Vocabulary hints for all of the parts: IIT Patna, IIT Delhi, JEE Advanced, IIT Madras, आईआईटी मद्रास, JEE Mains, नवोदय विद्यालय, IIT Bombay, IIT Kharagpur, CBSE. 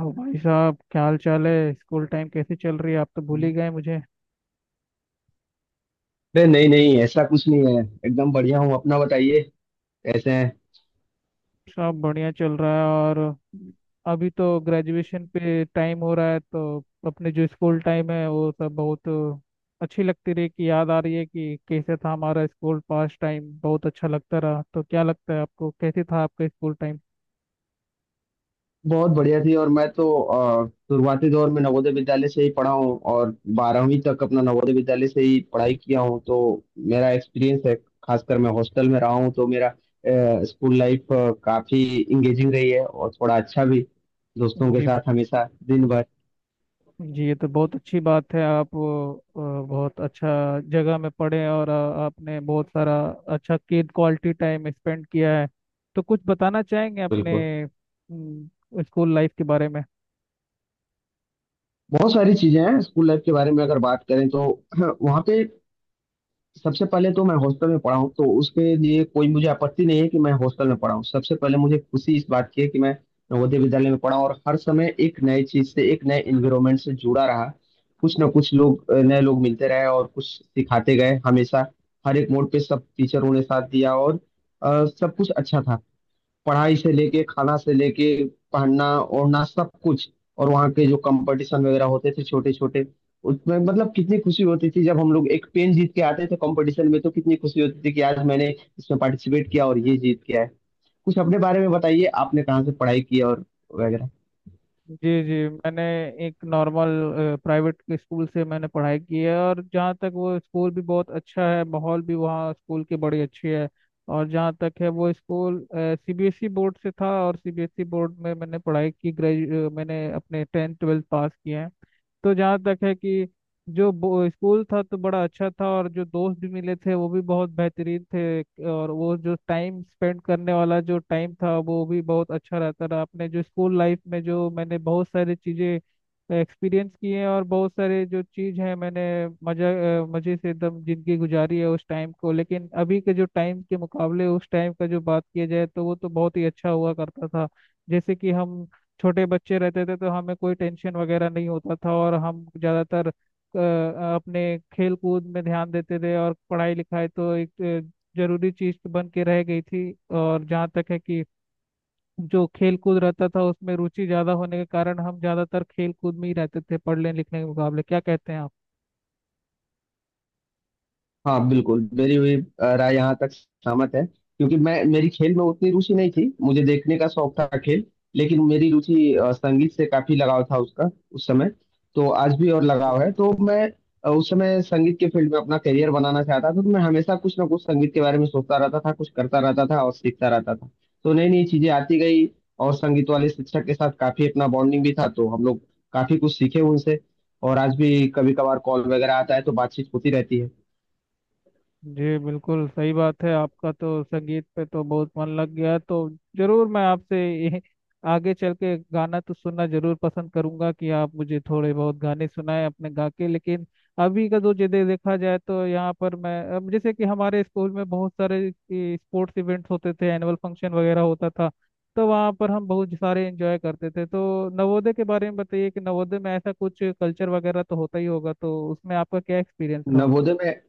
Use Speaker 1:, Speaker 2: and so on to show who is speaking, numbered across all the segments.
Speaker 1: और भाई साहब क्या हाल चाल है। स्कूल टाइम कैसे चल रही है। आप तो भूल ही
Speaker 2: अरे
Speaker 1: गए मुझे।
Speaker 2: नहीं नहीं, ऐसा कुछ नहीं है, एकदम बढ़िया हूँ। अपना बताइए, कैसे हैं।
Speaker 1: सब बढ़िया चल रहा है और अभी तो ग्रेजुएशन पे टाइम हो रहा है, तो अपने जो स्कूल टाइम है वो सब बहुत अच्छी लगती रही। कि याद आ रही है कि कैसे था हमारा स्कूल। पास्ट टाइम बहुत अच्छा लगता रहा। तो क्या लगता है आपको, कैसे था आपका स्कूल टाइम?
Speaker 2: बहुत बढ़िया थी। और मैं तो शुरुआती दौर में नवोदय विद्यालय से ही पढ़ा हूँ और 12वीं तक अपना नवोदय विद्यालय से ही पढ़ाई किया हूँ। तो मेरा एक्सपीरियंस है। खासकर मैं हॉस्टल में रहा हूँ तो मेरा स्कूल लाइफ काफी इंगेजिंग रही है और थोड़ा अच्छा भी दोस्तों के
Speaker 1: जी
Speaker 2: साथ हमेशा दिन भर।
Speaker 1: जी ये तो बहुत अच्छी बात है। आप बहुत अच्छा जगह में पढ़े और आपने बहुत सारा अच्छा किड क्वालिटी टाइम स्पेंड किया है। तो कुछ बताना चाहेंगे अपने
Speaker 2: बिल्कुल।
Speaker 1: स्कूल लाइफ के बारे में?
Speaker 2: बहुत सारी चीजें हैं स्कूल लाइफ के बारे में अगर बात करें तो वहाँ पे सबसे पहले तो मैं हॉस्टल में पढ़ा हूँ, तो उसके लिए कोई मुझे आपत्ति नहीं है कि मैं हॉस्टल में पढ़ा हूँ। सबसे पहले मुझे खुशी इस बात की है कि मैं नवोदय विद्यालय में पढ़ा हूँ और हर समय एक नए चीज से, एक नए एनवायरमेंट से जुड़ा रहा। कुछ ना कुछ लोग, नए लोग मिलते रहे और कुछ सिखाते गए हमेशा। हर एक मोड़ पे सब टीचरों ने साथ दिया और सब कुछ अच्छा था। पढ़ाई से लेके, खाना से लेके, पहनना ओढ़ना, सब कुछ। और वहाँ के जो कंपटीशन वगैरह होते थे छोटे छोटे, उसमें मतलब कितनी खुशी होती थी जब हम लोग एक पेन जीत के आते थे कंपटीशन में, तो कितनी खुशी होती थी कि आज मैंने इसमें पार्टिसिपेट किया और ये जीत के आए। कुछ अपने बारे में बताइए, आपने कहाँ से पढ़ाई की और वगैरह।
Speaker 1: जी जी मैंने एक नॉर्मल प्राइवेट स्कूल से मैंने पढ़ाई की है। और जहाँ तक वो स्कूल भी बहुत अच्छा है, माहौल भी वहाँ स्कूल की बड़ी अच्छी है। और जहाँ तक है वो स्कूल सीबीएसई बोर्ड से था, और सीबीएसई बोर्ड में मैंने पढ़ाई की। ग्रेजु मैंने अपने 10th 12th पास किए हैं। तो जहाँ तक है कि जो स्कूल था तो बड़ा अच्छा था, और जो दोस्त भी मिले थे वो भी बहुत बेहतरीन थे। और वो जो टाइम स्पेंड करने वाला जो टाइम था वो भी बहुत अच्छा रहता रहा। अपने जो स्कूल लाइफ में जो मैंने बहुत सारी चीज़ें एक्सपीरियंस की हैं, और बहुत सारे जो चीज़ है मैंने मजा मजे से एकदम जिंदगी गुजारी है उस टाइम को। लेकिन अभी के जो टाइम के मुकाबले उस टाइम का जो बात किया जाए तो वो तो बहुत ही अच्छा हुआ करता था। जैसे कि हम छोटे बच्चे रहते थे तो हमें कोई टेंशन वगैरह नहीं होता था, और हम ज़्यादातर अपने खेल कूद में ध्यान देते थे। और पढ़ाई लिखाई तो एक जरूरी चीज़ तो बन के रह गई थी। और जहाँ तक है कि जो खेल कूद रहता था उसमें रुचि ज़्यादा होने के कारण हम ज़्यादातर खेल कूद में ही रहते थे पढ़ने लिखने के मुकाबले। क्या कहते हैं आप?
Speaker 2: हाँ बिल्कुल, मेरी हुई राय यहाँ तक सहमत है, क्योंकि मैं मेरी खेल में उतनी रुचि नहीं थी, मुझे देखने का शौक था खेल। लेकिन मेरी रुचि संगीत से काफी लगाव था उसका उस समय, तो आज भी और लगाव है। तो मैं उस समय संगीत के फील्ड में अपना करियर बनाना चाहता था, तो मैं हमेशा कुछ ना कुछ संगीत के बारे में सोचता रहता था, कुछ करता रहता था और सीखता रहता था। तो नई नई चीजें आती गई। और संगीत वाले शिक्षक के साथ काफी अपना बॉन्डिंग भी था, तो हम लोग काफी कुछ सीखे उनसे। और आज भी कभी कभार कॉल वगैरह आता है तो बातचीत होती रहती है।
Speaker 1: जी बिल्कुल सही बात है। आपका तो संगीत पे तो बहुत मन लग गया है, तो जरूर मैं आपसे ये आगे चल के गाना तो सुनना जरूर पसंद करूंगा कि आप मुझे थोड़े बहुत गाने सुनाएं अपने गा के। लेकिन अभी का जो जदे देखा जाए तो यहाँ पर मैं अब जैसे कि हमारे स्कूल में बहुत सारे स्पोर्ट्स इवेंट्स होते थे, एनुअल फंक्शन वगैरह होता था, तो वहाँ पर हम बहुत सारे एंजॉय करते थे। तो नवोदय के बारे में बताइए कि नवोदय में ऐसा कुछ कल्चर वगैरह तो होता ही होगा, तो उसमें आपका क्या एक्सपीरियंस रहा?
Speaker 2: नवोदय में।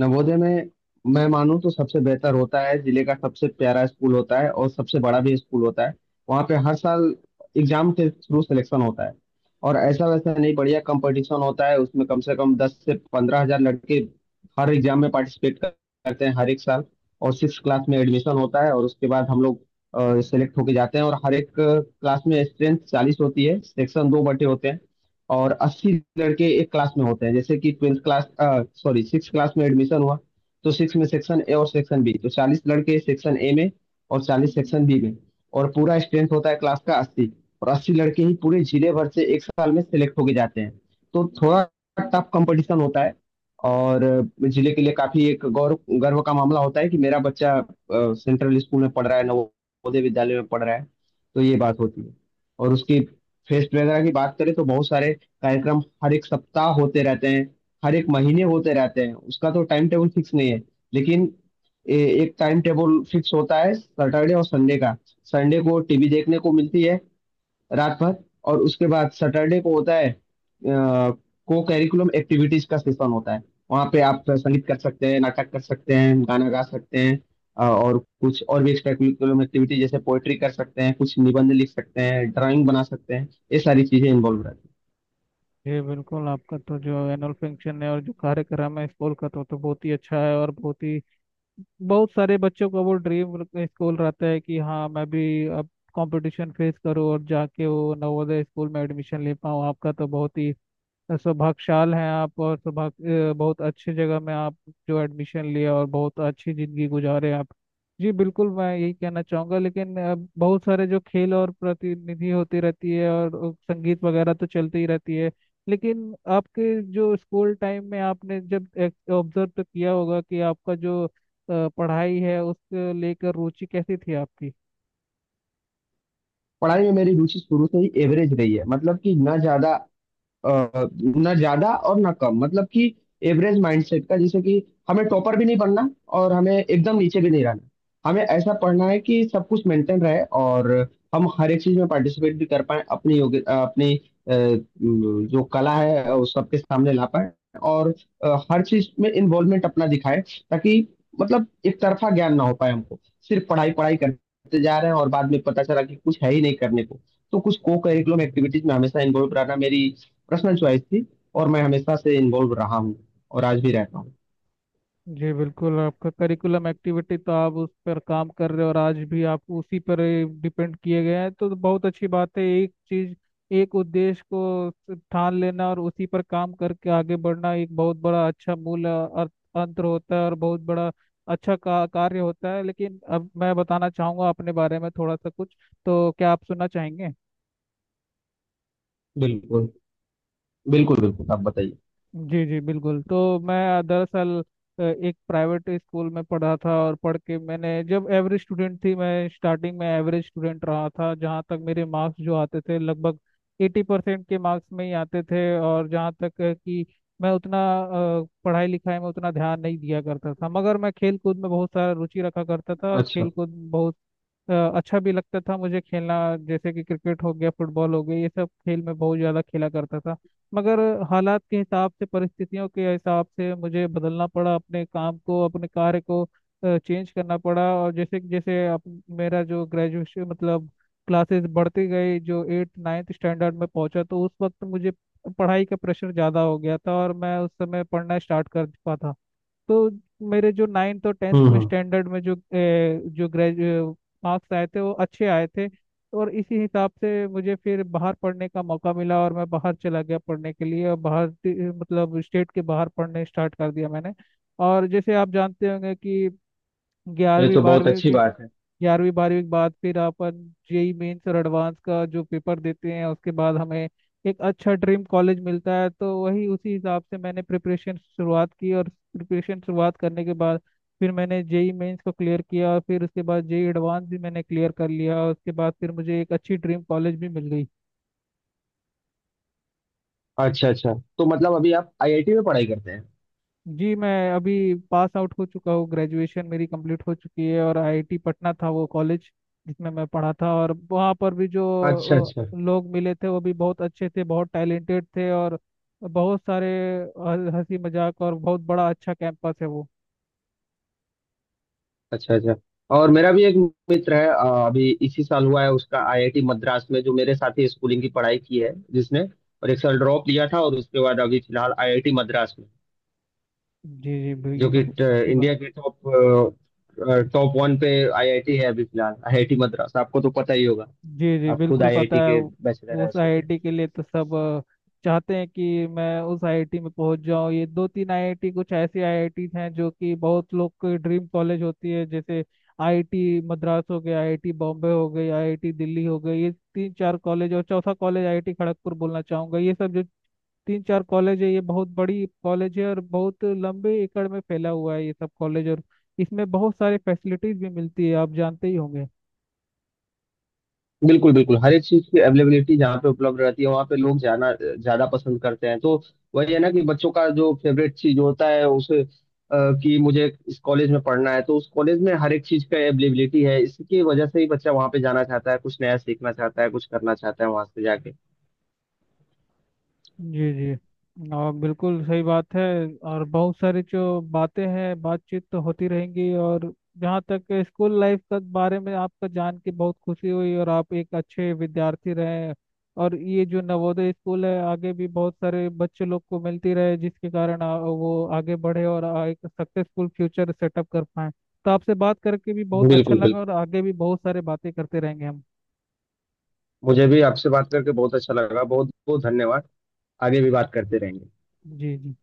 Speaker 2: नवोदय में, मैं मानूं तो सबसे बेहतर होता है, जिले का सबसे प्यारा स्कूल होता है और सबसे बड़ा भी स्कूल होता है। वहाँ पे हर साल एग्जाम के थ्रू सिलेक्शन होता है। और ऐसा वैसा नहीं, बढ़िया कंपटीशन होता है। उसमें कम से कम 10 से 15 हजार लड़के हर एग्जाम में पार्टिसिपेट करते हैं, हर एक साल। और सिक्स क्लास में एडमिशन होता है और उसके बाद हम लोग सिलेक्ट होके जाते हैं। और हर एक क्लास में स्ट्रेंथ 40 होती है, सेक्शन दो बटे होते हैं। और 80 लड़के एक क्लास में होते हैं। जैसे कि twelfth class, sorry six class में एडमिशन हुआ, तो सिक्स में सेक्शन ए और सेक्शन बी। तो 40 लड़के सेक्शन ए में और 40 सेक्शन बी में। और पूरा स्ट्रेंथ होता है क्लास का 80। और 80 लड़के ही पूरे जिले भर से एक साल में सिलेक्ट होके जाते हैं। तो थोड़ा टफ कंपटीशन होता है। और जिले के लिए काफी एक गौरव, गर्व का मामला होता है कि मेरा बच्चा सेंट्रल स्कूल में पढ़ रहा है, नवोदय विद्यालय में पढ़ रहा है। तो ये बात होती है। और उसकी फेस्ट वगैरह की बात करें तो बहुत सारे कार्यक्रम हर एक सप्ताह होते रहते हैं, हर एक महीने होते रहते हैं। उसका तो टाइम टेबल फिक्स नहीं है। लेकिन ए, एक टाइम टेबल फिक्स होता है सैटरडे और संडे का। संडे को टीवी देखने को मिलती है रात भर। और उसके बाद सैटरडे को होता है, को करिकुलम एक्टिविटीज का सेशन होता है। वहाँ पे आप संगीत कर सकते हैं, नाटक कर सकते हैं, गाना गा सकते हैं और कुछ और भी एक्स्ट्रा करिकुलम एक्टिविटी जैसे पोएट्री कर सकते हैं, कुछ निबंध लिख सकते हैं, ड्राइंग बना सकते हैं, ये सारी चीजें इन्वॉल्व रहती हैं।
Speaker 1: जी बिल्कुल। आपका तो जो एनुअल फंक्शन है और जो कार्यक्रम है स्कूल का तो बहुत ही अच्छा है, और बहुत ही बहुत सारे बच्चों का वो ड्रीम स्कूल रहता है कि हाँ मैं भी अब कंपटीशन फेस करूँ और जाके वो नवोदय स्कूल में एडमिशन ले पाऊँ। आपका तो बहुत ही सौभाग्यशाल हैं आप। और सौभाग्य बहुत अच्छी जगह में आप जो एडमिशन लिया और बहुत अच्छी जिंदगी गुजारे आप। जी बिल्कुल मैं यही कहना चाहूँगा। लेकिन बहुत सारे जो खेल और प्रतिनिधि होती रहती है, और संगीत वगैरह तो चलती ही रहती है। लेकिन आपके जो स्कूल टाइम में आपने जब ऑब्जर्व तो किया होगा कि आपका जो पढ़ाई है उसको लेकर रुचि कैसी थी आपकी?
Speaker 2: पढ़ाई में मेरी रुचि शुरू से ही एवरेज रही है, मतलब कि ना ज्यादा अ, ना ज्यादा और ना कम, मतलब कि एवरेज माइंडसेट का। जैसे कि हमें टॉपर भी नहीं बनना और हमें एकदम नीचे भी नहीं रहना, हमें ऐसा पढ़ना है कि सब कुछ मेंटेन रहे और हम हर एक चीज में पार्टिसिपेट भी कर पाए। अपनी योग्य अपनी जो कला है उस सबके सामने ला पाए। और हर चीज में इन्वॉल्वमेंट अपना दिखाए, ताकि मतलब एक तरफा ज्ञान ना हो पाए हमको। सिर्फ पढ़ाई पढ़ाई करते जा रहे हैं और बाद में पता चला कि कुछ है ही नहीं करने को। तो कुछ को करिकुलम एक्टिविटीज में हमेशा इन्वॉल्व रहना मेरी पर्सनल चॉइस थी और मैं हमेशा से इन्वॉल्व रहा हूँ। और आज भी रहता हूँ।
Speaker 1: जी बिल्कुल। आपका करिकुलम एक्टिविटी तो आप उस पर काम कर रहे हो और आज भी आप उसी पर डिपेंड किए गए हैं, तो बहुत अच्छी बात है। एक चीज, एक उद्देश्य को ठान लेना और उसी पर काम करके आगे बढ़ना एक बहुत बड़ा अच्छा अंतर होता है, और बहुत बड़ा अच्छा कार्य होता है। लेकिन अब मैं बताना चाहूंगा अपने बारे में थोड़ा सा कुछ। तो क्या आप सुनना चाहेंगे?
Speaker 2: बिल्कुल। बिल्कुल बिल्कुल, आप बताइए।
Speaker 1: जी जी बिल्कुल। तो मैं दरअसल एक प्राइवेट स्कूल में पढ़ा था, और पढ़ के मैंने जब एवरेज स्टूडेंट थी, मैं स्टार्टिंग में एवरेज स्टूडेंट रहा था। जहाँ तक मेरे मार्क्स जो आते थे लगभग 80% के मार्क्स में ही आते थे। और जहाँ तक है कि मैं उतना पढ़ाई लिखाई में उतना ध्यान नहीं दिया करता था, मगर मैं खेल कूद में बहुत सारा रुचि रखा करता था। और
Speaker 2: अच्छा।
Speaker 1: खेल कूद बहुत अच्छा भी लगता था मुझे खेलना, जैसे कि क्रिकेट हो गया फुटबॉल हो गया, ये सब खेल मैं बहुत ज़्यादा खेला करता था। मगर हालात के हिसाब से परिस्थितियों के हिसाब से मुझे बदलना पड़ा, अपने काम को अपने कार्य को चेंज करना पड़ा। और जैसे जैसे मेरा जो ग्रेजुएशन मतलब क्लासेस बढ़ती गई, जो एट्थ नाइन्थ स्टैंडर्ड में पहुंचा तो उस वक्त मुझे पढ़ाई का प्रेशर ज़्यादा हो गया था, और मैं उस समय पढ़ना स्टार्ट कर पाता। तो मेरे जो नाइन्थ और टेंथ में
Speaker 2: हम्म।
Speaker 1: स्टैंडर्ड में जो ए, जो ग्रेजुए मार्क्स आए थे वो अच्छे आए थे। और इसी हिसाब से मुझे फिर बाहर पढ़ने का मौका मिला, और मैं बाहर चला गया पढ़ने के लिए। और मतलब स्टेट के बाहर पढ़ने स्टार्ट कर दिया मैंने। और जैसे आप जानते होंगे कि
Speaker 2: ये
Speaker 1: ग्यारहवीं
Speaker 2: तो बहुत
Speaker 1: बारहवीं
Speaker 2: अच्छी
Speaker 1: के
Speaker 2: बात है।
Speaker 1: 11वीं 12वीं के बाद फिर अपन जेई मेंस और एडवांस का जो पेपर देते हैं, उसके बाद हमें एक अच्छा ड्रीम कॉलेज मिलता है। तो वही उसी हिसाब से मैंने प्रिपरेशन शुरुआत की, और प्रिपरेशन शुरुआत करने के बाद फिर मैंने जेई मेंस को क्लियर किया, और फिर उसके बाद जेई एडवांस भी मैंने क्लियर कर लिया। और उसके बाद फिर मुझे एक अच्छी ड्रीम कॉलेज भी मिल गई।
Speaker 2: अच्छा अच्छा, तो मतलब अभी आप आईआईटी में पढ़ाई करते हैं।
Speaker 1: जी मैं अभी पास आउट हो चुका हूँ, ग्रेजुएशन मेरी कंप्लीट हो चुकी है। और आईआईटी पटना था वो कॉलेज जिसमें मैं पढ़ा था। और वहाँ पर भी जो
Speaker 2: अच्छा अच्छा।
Speaker 1: लोग मिले थे वो भी बहुत अच्छे थे, बहुत टैलेंटेड थे। और बहुत सारे हंसी मजाक, और बहुत बड़ा अच्छा कैंपस है वो।
Speaker 2: अच्छा अच्छा। और मेरा भी एक मित्र है, अभी इसी साल हुआ है उसका आईआईटी मद्रास में, जो मेरे साथ ही स्कूलिंग की पढ़ाई की है जिसने। और एक साल ड्रॉप लिया था और उसके बाद अभी फिलहाल आईआईटी मद्रास में,
Speaker 1: जी जी बिल्कुल, ये
Speaker 2: जो
Speaker 1: तो
Speaker 2: कि
Speaker 1: अच्छी बात।
Speaker 2: इंडिया के टॉप, टॉप वन पे आईआईटी है, अभी फिलहाल आईआईटी मद्रास, आपको तो पता ही होगा।
Speaker 1: जी जी
Speaker 2: आप खुद
Speaker 1: बिल्कुल पता
Speaker 2: आईआईटी
Speaker 1: है।
Speaker 2: के बैचलर रह
Speaker 1: उस
Speaker 2: सके।
Speaker 1: आईआईटी के लिए तो सब चाहते हैं कि मैं उस आईआईटी में पहुंच जाऊं। ये दो तीन आईआईटी कुछ ऐसी आईआईटी हैं जो कि बहुत लोग की ड्रीम कॉलेज होती है, जैसे आईआईटी मद्रास हो गया, आईआईटी बॉम्बे हो गई, आईआईटी दिल्ली हो गई, ये तीन चार कॉलेज, और चौथा कॉलेज आईआईटी खड़गपुर बोलना चाहूंगा। ये सब जो तीन चार कॉलेज है ये बहुत बड़ी कॉलेज है और बहुत लंबे एकड़ में फैला हुआ है ये सब कॉलेज, और इसमें बहुत सारी फैसिलिटीज भी मिलती है आप जानते ही होंगे।
Speaker 2: बिल्कुल बिल्कुल। हर एक चीज की अवेलेबिलिटी जहाँ पे उपलब्ध रहती है वहाँ पे लोग जाना ज्यादा पसंद करते हैं। तो वही है ना, कि बच्चों का जो फेवरेट चीज होता है उसे कि मुझे इस कॉलेज में पढ़ना है, तो उस कॉलेज में हर एक चीज का अवेलेबिलिटी है, इसकी वजह से ही बच्चा वहाँ पे जाना चाहता है, कुछ नया सीखना चाहता है, कुछ करना चाहता है वहां से जाके।
Speaker 1: जी जी, और बिल्कुल सही बात है। और बहुत सारी जो बातें हैं बातचीत तो होती रहेंगी। और जहाँ तक स्कूल लाइफ के बारे में आपका जान के बहुत खुशी हुई, और आप एक अच्छे विद्यार्थी रहे। और ये जो नवोदय स्कूल है आगे भी बहुत सारे बच्चे लोग को मिलती रहे जिसके कारण वो आगे बढ़े और एक सक्सेसफुल फ्यूचर सेटअप कर पाए। तो आपसे बात करके भी बहुत अच्छा
Speaker 2: बिल्कुल
Speaker 1: लगा,
Speaker 2: बिल्कुल।
Speaker 1: और आगे भी बहुत सारे बातें करते रहेंगे हम।
Speaker 2: मुझे भी आपसे बात करके बहुत अच्छा लगा, बहुत बहुत धन्यवाद। आगे भी बात करते रहेंगे।
Speaker 1: जी जी।